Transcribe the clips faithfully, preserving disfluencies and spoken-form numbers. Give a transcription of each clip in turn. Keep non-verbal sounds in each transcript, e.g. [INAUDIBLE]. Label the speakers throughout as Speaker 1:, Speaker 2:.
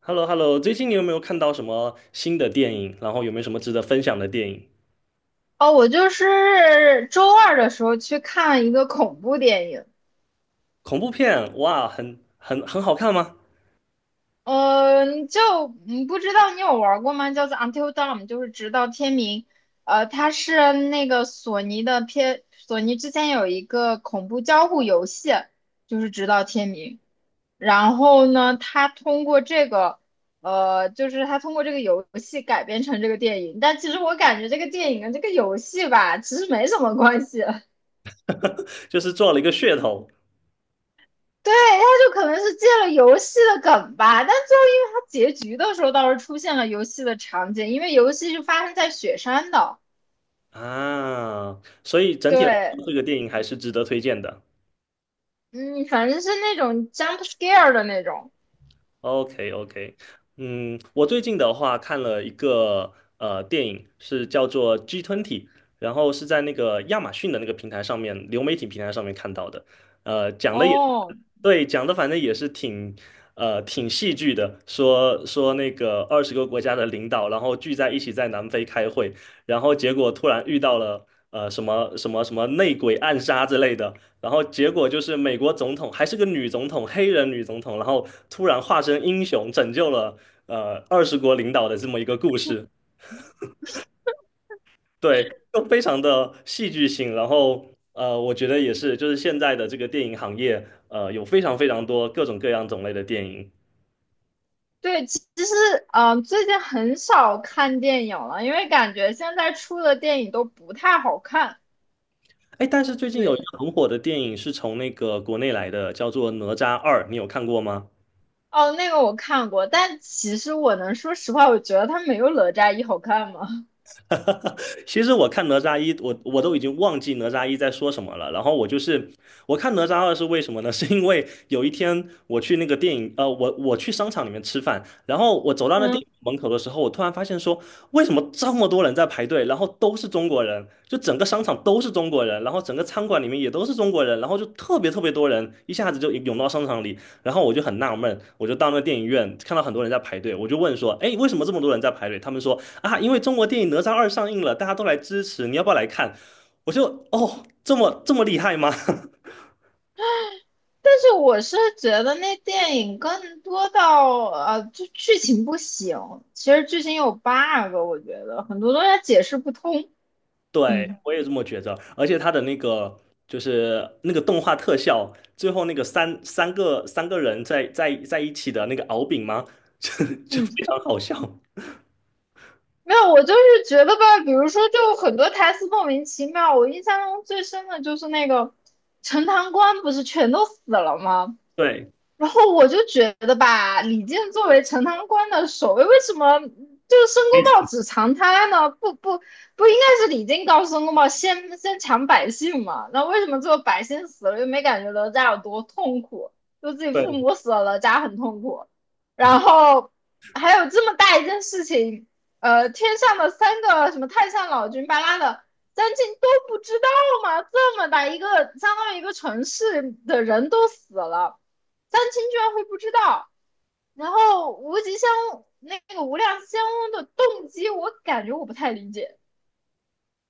Speaker 1: h e l l o h e l l o 最近你有没有看到什么新的电影？然后有没有什么值得分享的电影？
Speaker 2: 哦，我就是周二的时候去看一个恐怖电影，
Speaker 1: 恐怖片，哇，很很很好看吗？
Speaker 2: 嗯，你就嗯不知道你有玩过吗？叫做《Until Dawn》，就是直到天明。呃，它是那个索尼的片，索尼之前有一个恐怖交互游戏，就是直到天明。然后呢，它通过这个，呃，就是它通过这个游戏改编成这个电影。但其实我感觉这个电影跟这个游戏吧，其实没什么关系。[LAUGHS]
Speaker 1: [LAUGHS] 就是做了一个噱头
Speaker 2: 对，他就可能是借了游戏的梗吧，但最后因为他结局的时候倒是出现了游戏的场景，因为游戏是发生在雪山的。
Speaker 1: 啊，所以整体来
Speaker 2: 对，
Speaker 1: 说，这个电影还是值得推荐的。
Speaker 2: 嗯，反正是那种 jump scare 的那种。
Speaker 1: OK OK，嗯，我最近的话看了一个呃电影，是叫做《g 吞体》，然后是在那个亚马逊的那个平台上面，流媒体平台上面看到的。呃，讲的也
Speaker 2: 哦，
Speaker 1: 对，讲的反正也是挺呃挺戏剧的，说说那个二十个国家的领导，然后聚在一起在南非开会，然后结果突然遇到了呃什么什么什么内鬼暗杀之类的，然后结果就是美国总统还是个女总统，黑人女总统，然后突然化身英雄，拯救了呃二十国领导的这么一个故事，对，就非常的戏剧性。然后呃，我觉得也是，就是现在的这个电影行业，呃，有非常非常多各种各样种类的电影。
Speaker 2: 对，其其实嗯、呃最近很少看电影了，因为感觉现在出的电影都不太好看。
Speaker 1: 哎，但是最近有一
Speaker 2: 对，
Speaker 1: 个很火的电影是从那个国内来的，叫做《哪吒二》，你有看过吗？
Speaker 2: 哦，那个我看过，但其实我能说实话，我觉得它没有《哪吒一》好看吗？
Speaker 1: [LAUGHS] 其实我看哪吒一，我我都已经忘记哪吒一在说什么了。然后我就是我看哪吒二是为什么呢？[LAUGHS] 是因为有一天我去那个电影，呃，我我去商场里面吃饭，然后我走
Speaker 2: [LAUGHS]
Speaker 1: 到那电
Speaker 2: 嗯。
Speaker 1: 影门口的时候，我突然发现说，为什么这么多人在排队？然后都是中国人，就整个商场都是中国人，然后整个餐馆里面也都是中国人，然后就特别特别多人，一下子就涌到商场里。然后我就很纳闷，我就到那电影院看到很多人在排队，我就问说，哎，为什么这么多人在排队？他们说。啊，因为中国电影《哪吒二》上映了，大家都来支持，你要不要来看？我就哦，这么这么厉害吗？
Speaker 2: 但是我是觉得那电影更多到呃，就剧情不行。其实剧情有 bug,我觉得很多东西解释不通。
Speaker 1: [LAUGHS] 对，
Speaker 2: 嗯
Speaker 1: 我也这么觉着。而且他的那个就是那个动画特效，最后那个三三个三个人在在在一起的那个敖丙吗？[LAUGHS] 就就
Speaker 2: 嗯，
Speaker 1: 非常好笑。
Speaker 2: 没有，我就是觉得吧，比如说，就很多台词莫名其妙。我印象中最深的就是那个陈塘关不是全都死了吗？
Speaker 1: 对，
Speaker 2: 然后我就觉得吧，李靖作为陈塘关的守卫，为什么就是申公豹只藏他呢？不不不，应该是李靖告诉申公豹先先抢百姓嘛？那为什么最后百姓死了又没感觉哪吒有多痛苦？就自己父
Speaker 1: 对
Speaker 2: 母死了，哪吒很痛苦。然后还有这么大一件事情，呃，天上的三个什么太上老君巴拉的。三晋都不知道吗？这么大一个，相当于一个城市的人都死了，三清居然会不知道。然后无极仙翁那个无量仙翁的动机，我感觉我不太理解。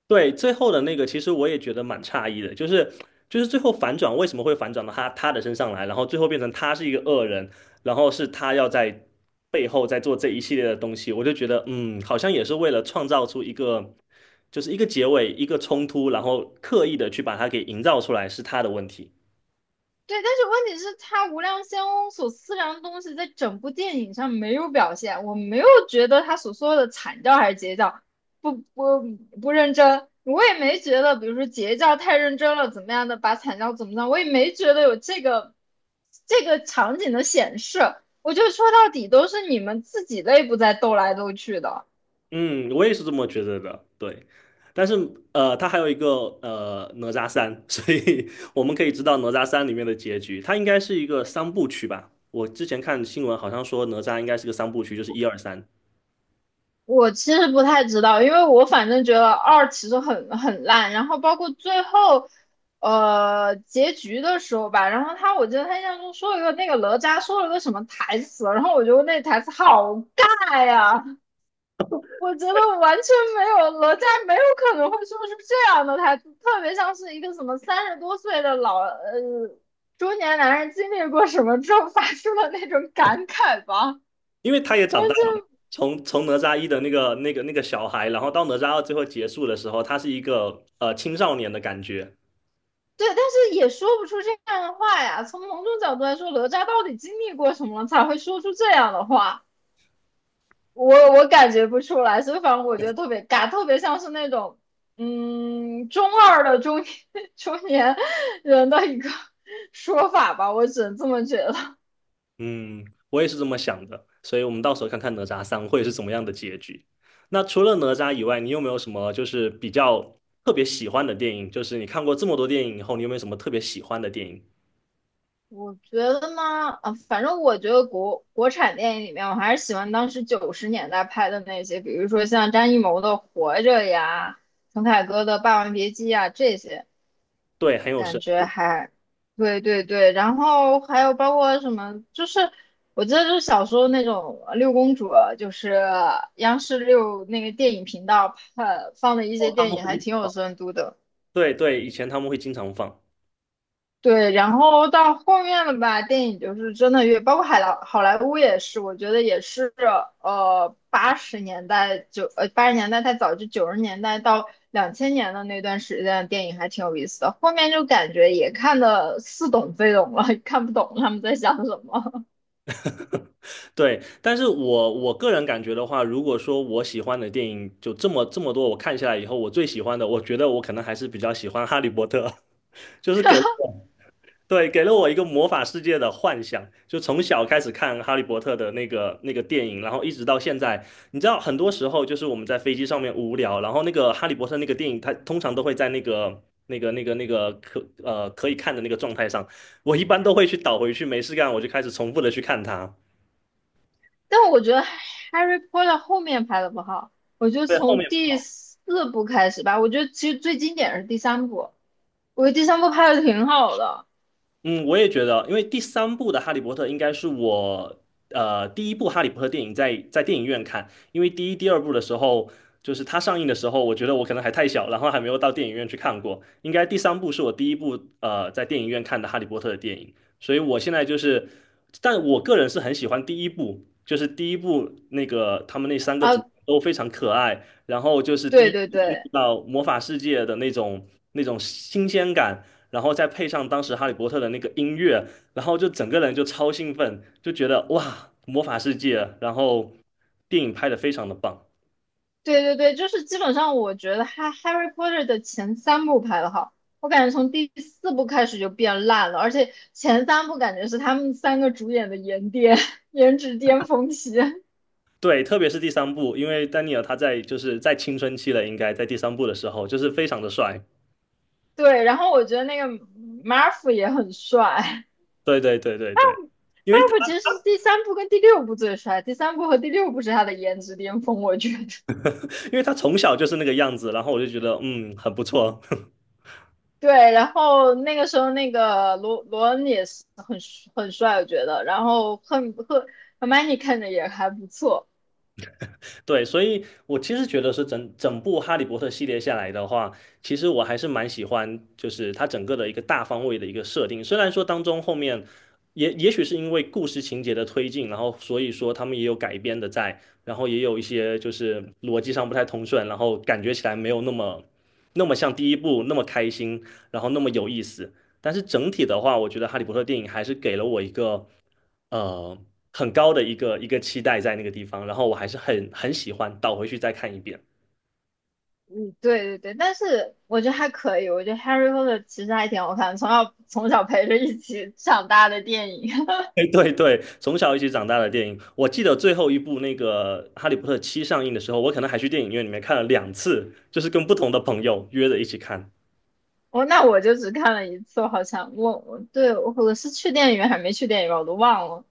Speaker 1: 对，最后的那个，其实我也觉得蛮诧异的，就是就是最后反转为什么会反转到他他的身上来，然后最后变成他是一个恶人，然后是他要在背后在做这一系列的东西，我就觉得嗯，好像也是为了创造出一个就是一个结尾，一个冲突，然后刻意的去把它给营造出来是他的问题。
Speaker 2: 对，但是问题是，他无量仙翁所思量的东西，在整部电影上没有表现。我没有觉得他所说的惨叫还是截教不不不认真，我也没觉得，比如说截教太认真了怎么样的，把惨叫怎么样，我也没觉得有这个这个场景的显示。我觉得说到底都是你们自己内部在斗来斗去的。
Speaker 1: 嗯，我也是这么觉得的，对。但是呃，它还有一个呃哪吒三，所以 [LAUGHS] 我们可以知道哪吒三里面的结局，它应该是一个三部曲吧？我之前看新闻好像说哪吒应该是个三部曲，就是一二三，
Speaker 2: 我其实不太知道，因为我反正觉得二其实很很烂，然后包括最后，呃，结局的时候吧，然后他我觉得他印象中说了一个那个哪吒说了个什么台词，然后我觉得那台词好尬呀，我觉得完全没有哪吒没有可能会说出这样的台词，特别像是一个什么三十多岁的老呃中年男人经历过什么之后发出的那种感慨吧。
Speaker 1: 因为他也长大
Speaker 2: 完
Speaker 1: 了嘛。
Speaker 2: 全
Speaker 1: 从从哪吒一的那个那个那个小孩，然后到哪吒二最后结束的时候，他是一个呃青少年的感觉，
Speaker 2: 对，但是也说不出这样的话呀。从某种角度来说，哪吒到底经历过什么了才会说出这样的话？我我感觉不出来，所以反正我觉得特别尬，特别像是那种嗯中二的中年 [LAUGHS] 中年人的一个 [LAUGHS] 说法吧，我只能这么觉得。[LAUGHS]
Speaker 1: 嗯，我也是这么想的，所以我们到时候看看哪吒三会是怎么样的结局。那除了哪吒以外，你有没有什么就是比较特别喜欢的电影？就是你看过这么多电影以后，你有没有什么特别喜欢的电影？
Speaker 2: 我觉得呢，啊，反正我觉得国国产电影里面，我还是喜欢当时九十年代拍的那些，比如说像张艺谋的《活着》呀，陈凯歌的《霸王别姬》呀这些。
Speaker 1: 对，很有
Speaker 2: 感
Speaker 1: 深
Speaker 2: 觉还，对对对，然后还有包括什么，就是我记得就是小时候那种呃六公主，就是央视六那个电影频道呃放的一些
Speaker 1: 哦，他
Speaker 2: 电
Speaker 1: 们
Speaker 2: 影，
Speaker 1: 会
Speaker 2: 还
Speaker 1: 一直
Speaker 2: 挺有
Speaker 1: 放，
Speaker 2: 深度的。
Speaker 1: 对对，以前他们会经常放，
Speaker 2: 对，然后到后面了吧，电影就是真的越，包括海莱好莱坞也是，我觉得也是，呃，八十年代九呃八十年代太早，就九十年代到两千年的那段时间，电影还挺有意思的。后面就感觉也看得似懂非懂了，看不懂他们在想什么。[LAUGHS]
Speaker 1: 对。但是我我个人感觉的话，如果说我喜欢的电影就这么这么多，我看下来以后，我最喜欢的，我觉得我可能还是比较喜欢《哈利波特》，[LAUGHS] 就是给。对，给了我一个魔法世界的幻想，就从小开始看《哈利波特》的那个那个电影，然后一直到现在。你知道，很多时候就是我们在飞机上面无聊，然后那个《哈利波特》那个电影，它通常都会在那个那个那个那个可呃可以看的那个状态上，我一般都会去倒回去，没事干我就开始重复的去看它。
Speaker 2: 但我觉得《Harry Potter》后面拍的不好，我觉得
Speaker 1: 对，后
Speaker 2: 从
Speaker 1: 面
Speaker 2: 第四部开始吧，我觉得其实最经典的是第三部，我觉得第三部拍的挺好的
Speaker 1: 嗯，我也觉得，因为第三部的《哈利波特》应该是我呃第一部《哈利波特》电影在在电影院看，因为第一、第二部的时候，就是它上映的时候，我觉得我可能还太小，然后还没有到电影院去看过。应该第三部是我第一部呃在电影院看的《哈利波特》的电影，所以我现在就是，但我个人是很喜欢第一部，就是第一部那个他们那三个主
Speaker 2: 啊，
Speaker 1: 角都非常可爱，然后就是第一
Speaker 2: 对对
Speaker 1: 部进
Speaker 2: 对。
Speaker 1: 入到魔法世界的那种那种新鲜感。然后再配上当时哈利波特的那个音乐，然后就整个人就超兴奋，就觉得哇，魔法世界，然后电影拍得非常的棒。
Speaker 2: 对对对，就是基本上我觉得哈《Harry Potter》的前三部拍的好，我感觉从第四部开始就变烂了，而且前三部感觉是他们三个主演的颜巅 [LAUGHS] 颜值巅峰期。
Speaker 1: 对，特别是第三部，因为丹尼尔他在就是在青春期了，应该在第三部的时候就是非常的帅。
Speaker 2: 对，然后我觉得那个 Marv 也很帅
Speaker 1: 对对对对对，因为他
Speaker 2: ，Marv 其实是第三部跟第六部最帅，第三部和第六部是他的颜值巅峰，我觉得。
Speaker 1: 因为他从小就是那个样子，然后我就觉得嗯很不错。[LAUGHS]
Speaker 2: 对，然后那个时候那个罗罗恩也是很很帅，我觉得，然后赫赫 h e r m i n e 看着也还不错。
Speaker 1: 对，所以我其实觉得是整整部《哈利波特》系列下来的话，其实我还是蛮喜欢，就是它整个的一个大方位的一个设定。虽然说当中后面也也许是因为故事情节的推进，然后所以说他们也有改编的在，然后也有一些就是逻辑上不太通顺，然后感觉起来没有那么那么像第一部那么开心，然后那么有意思。但是整体的话，我觉得《哈利波特》电影还是给了我一个。呃很高的一个一个期待在那个地方，然后我还是很很喜欢，倒回去再看一遍。
Speaker 2: 嗯，对对对，但是我觉得还可以，我觉得《Harry Potter》其实还挺好看的从小从小陪着一起长大的电影。[LAUGHS]
Speaker 1: [LAUGHS] 哎，对对，从小一起长大的电影，我记得最后一部那个《哈利波特七》上映的时候，我可能还去电影院里面看了两次，就是跟不同的朋友约着一起看。
Speaker 2: 我那我就只看了一次，我好像我我对我我是去电影院还没去电影院，我都忘了。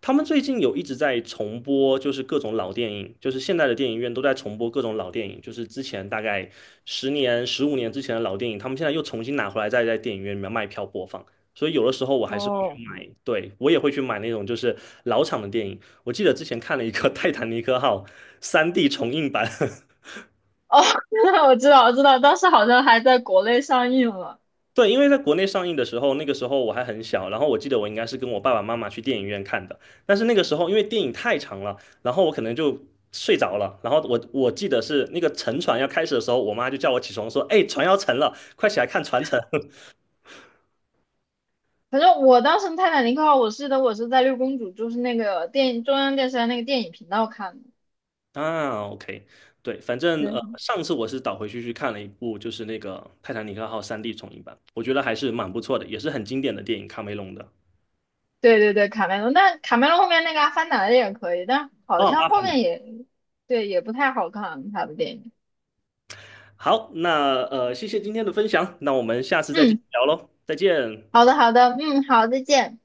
Speaker 1: 他们最近有一直在重播，就是各种老电影，就是现在的电影院都在重播各种老电影，就是之前大概十年、十五年之前的老电影，他们现在又重新拿回来，再在电影院里面卖票播放。所以有的时候我还是会去
Speaker 2: 哦，
Speaker 1: 买，对，我也会去买那种就是老厂的电影。我记得之前看了一个《泰坦尼克号》三 D 重映版 [LAUGHS]
Speaker 2: 哦，[LAUGHS] 我知道我知道，当时好像还在国内上映了。
Speaker 1: 对，因为在国内上映的时候，那个时候我还很小，然后我记得我应该是跟我爸爸妈妈去电影院看的，但是那个时候因为电影太长了，然后我可能就睡着了，然后我我记得是那个沉船要开始的时候，我妈就叫我起床说：“哎，船要沉了，快起来看船沉。”
Speaker 2: 反正我当时《泰坦尼克号》，我记得我是在六公主，就是那个电影中央电视台那个电影频道看的。
Speaker 1: [LAUGHS] 啊，OK，对，反正呃，
Speaker 2: 对，
Speaker 1: 上次我是倒回去去看了一部，就是那个《泰坦尼克号》三 D 重映版，我觉得还是蛮不错的，也是很经典的电影，卡梅隆的。
Speaker 2: 对对对，卡梅隆，但卡梅隆后面那个《阿凡达》的也可以，但
Speaker 1: 哦，
Speaker 2: 好像
Speaker 1: 《阿
Speaker 2: 后
Speaker 1: 凡达》
Speaker 2: 面也，对，也不太好看他的电影。
Speaker 1: 好，那呃，谢谢今天的分享，那我们下次再继续
Speaker 2: 嗯，
Speaker 1: 聊喽，再见。
Speaker 2: 好的好的，嗯，好，再见。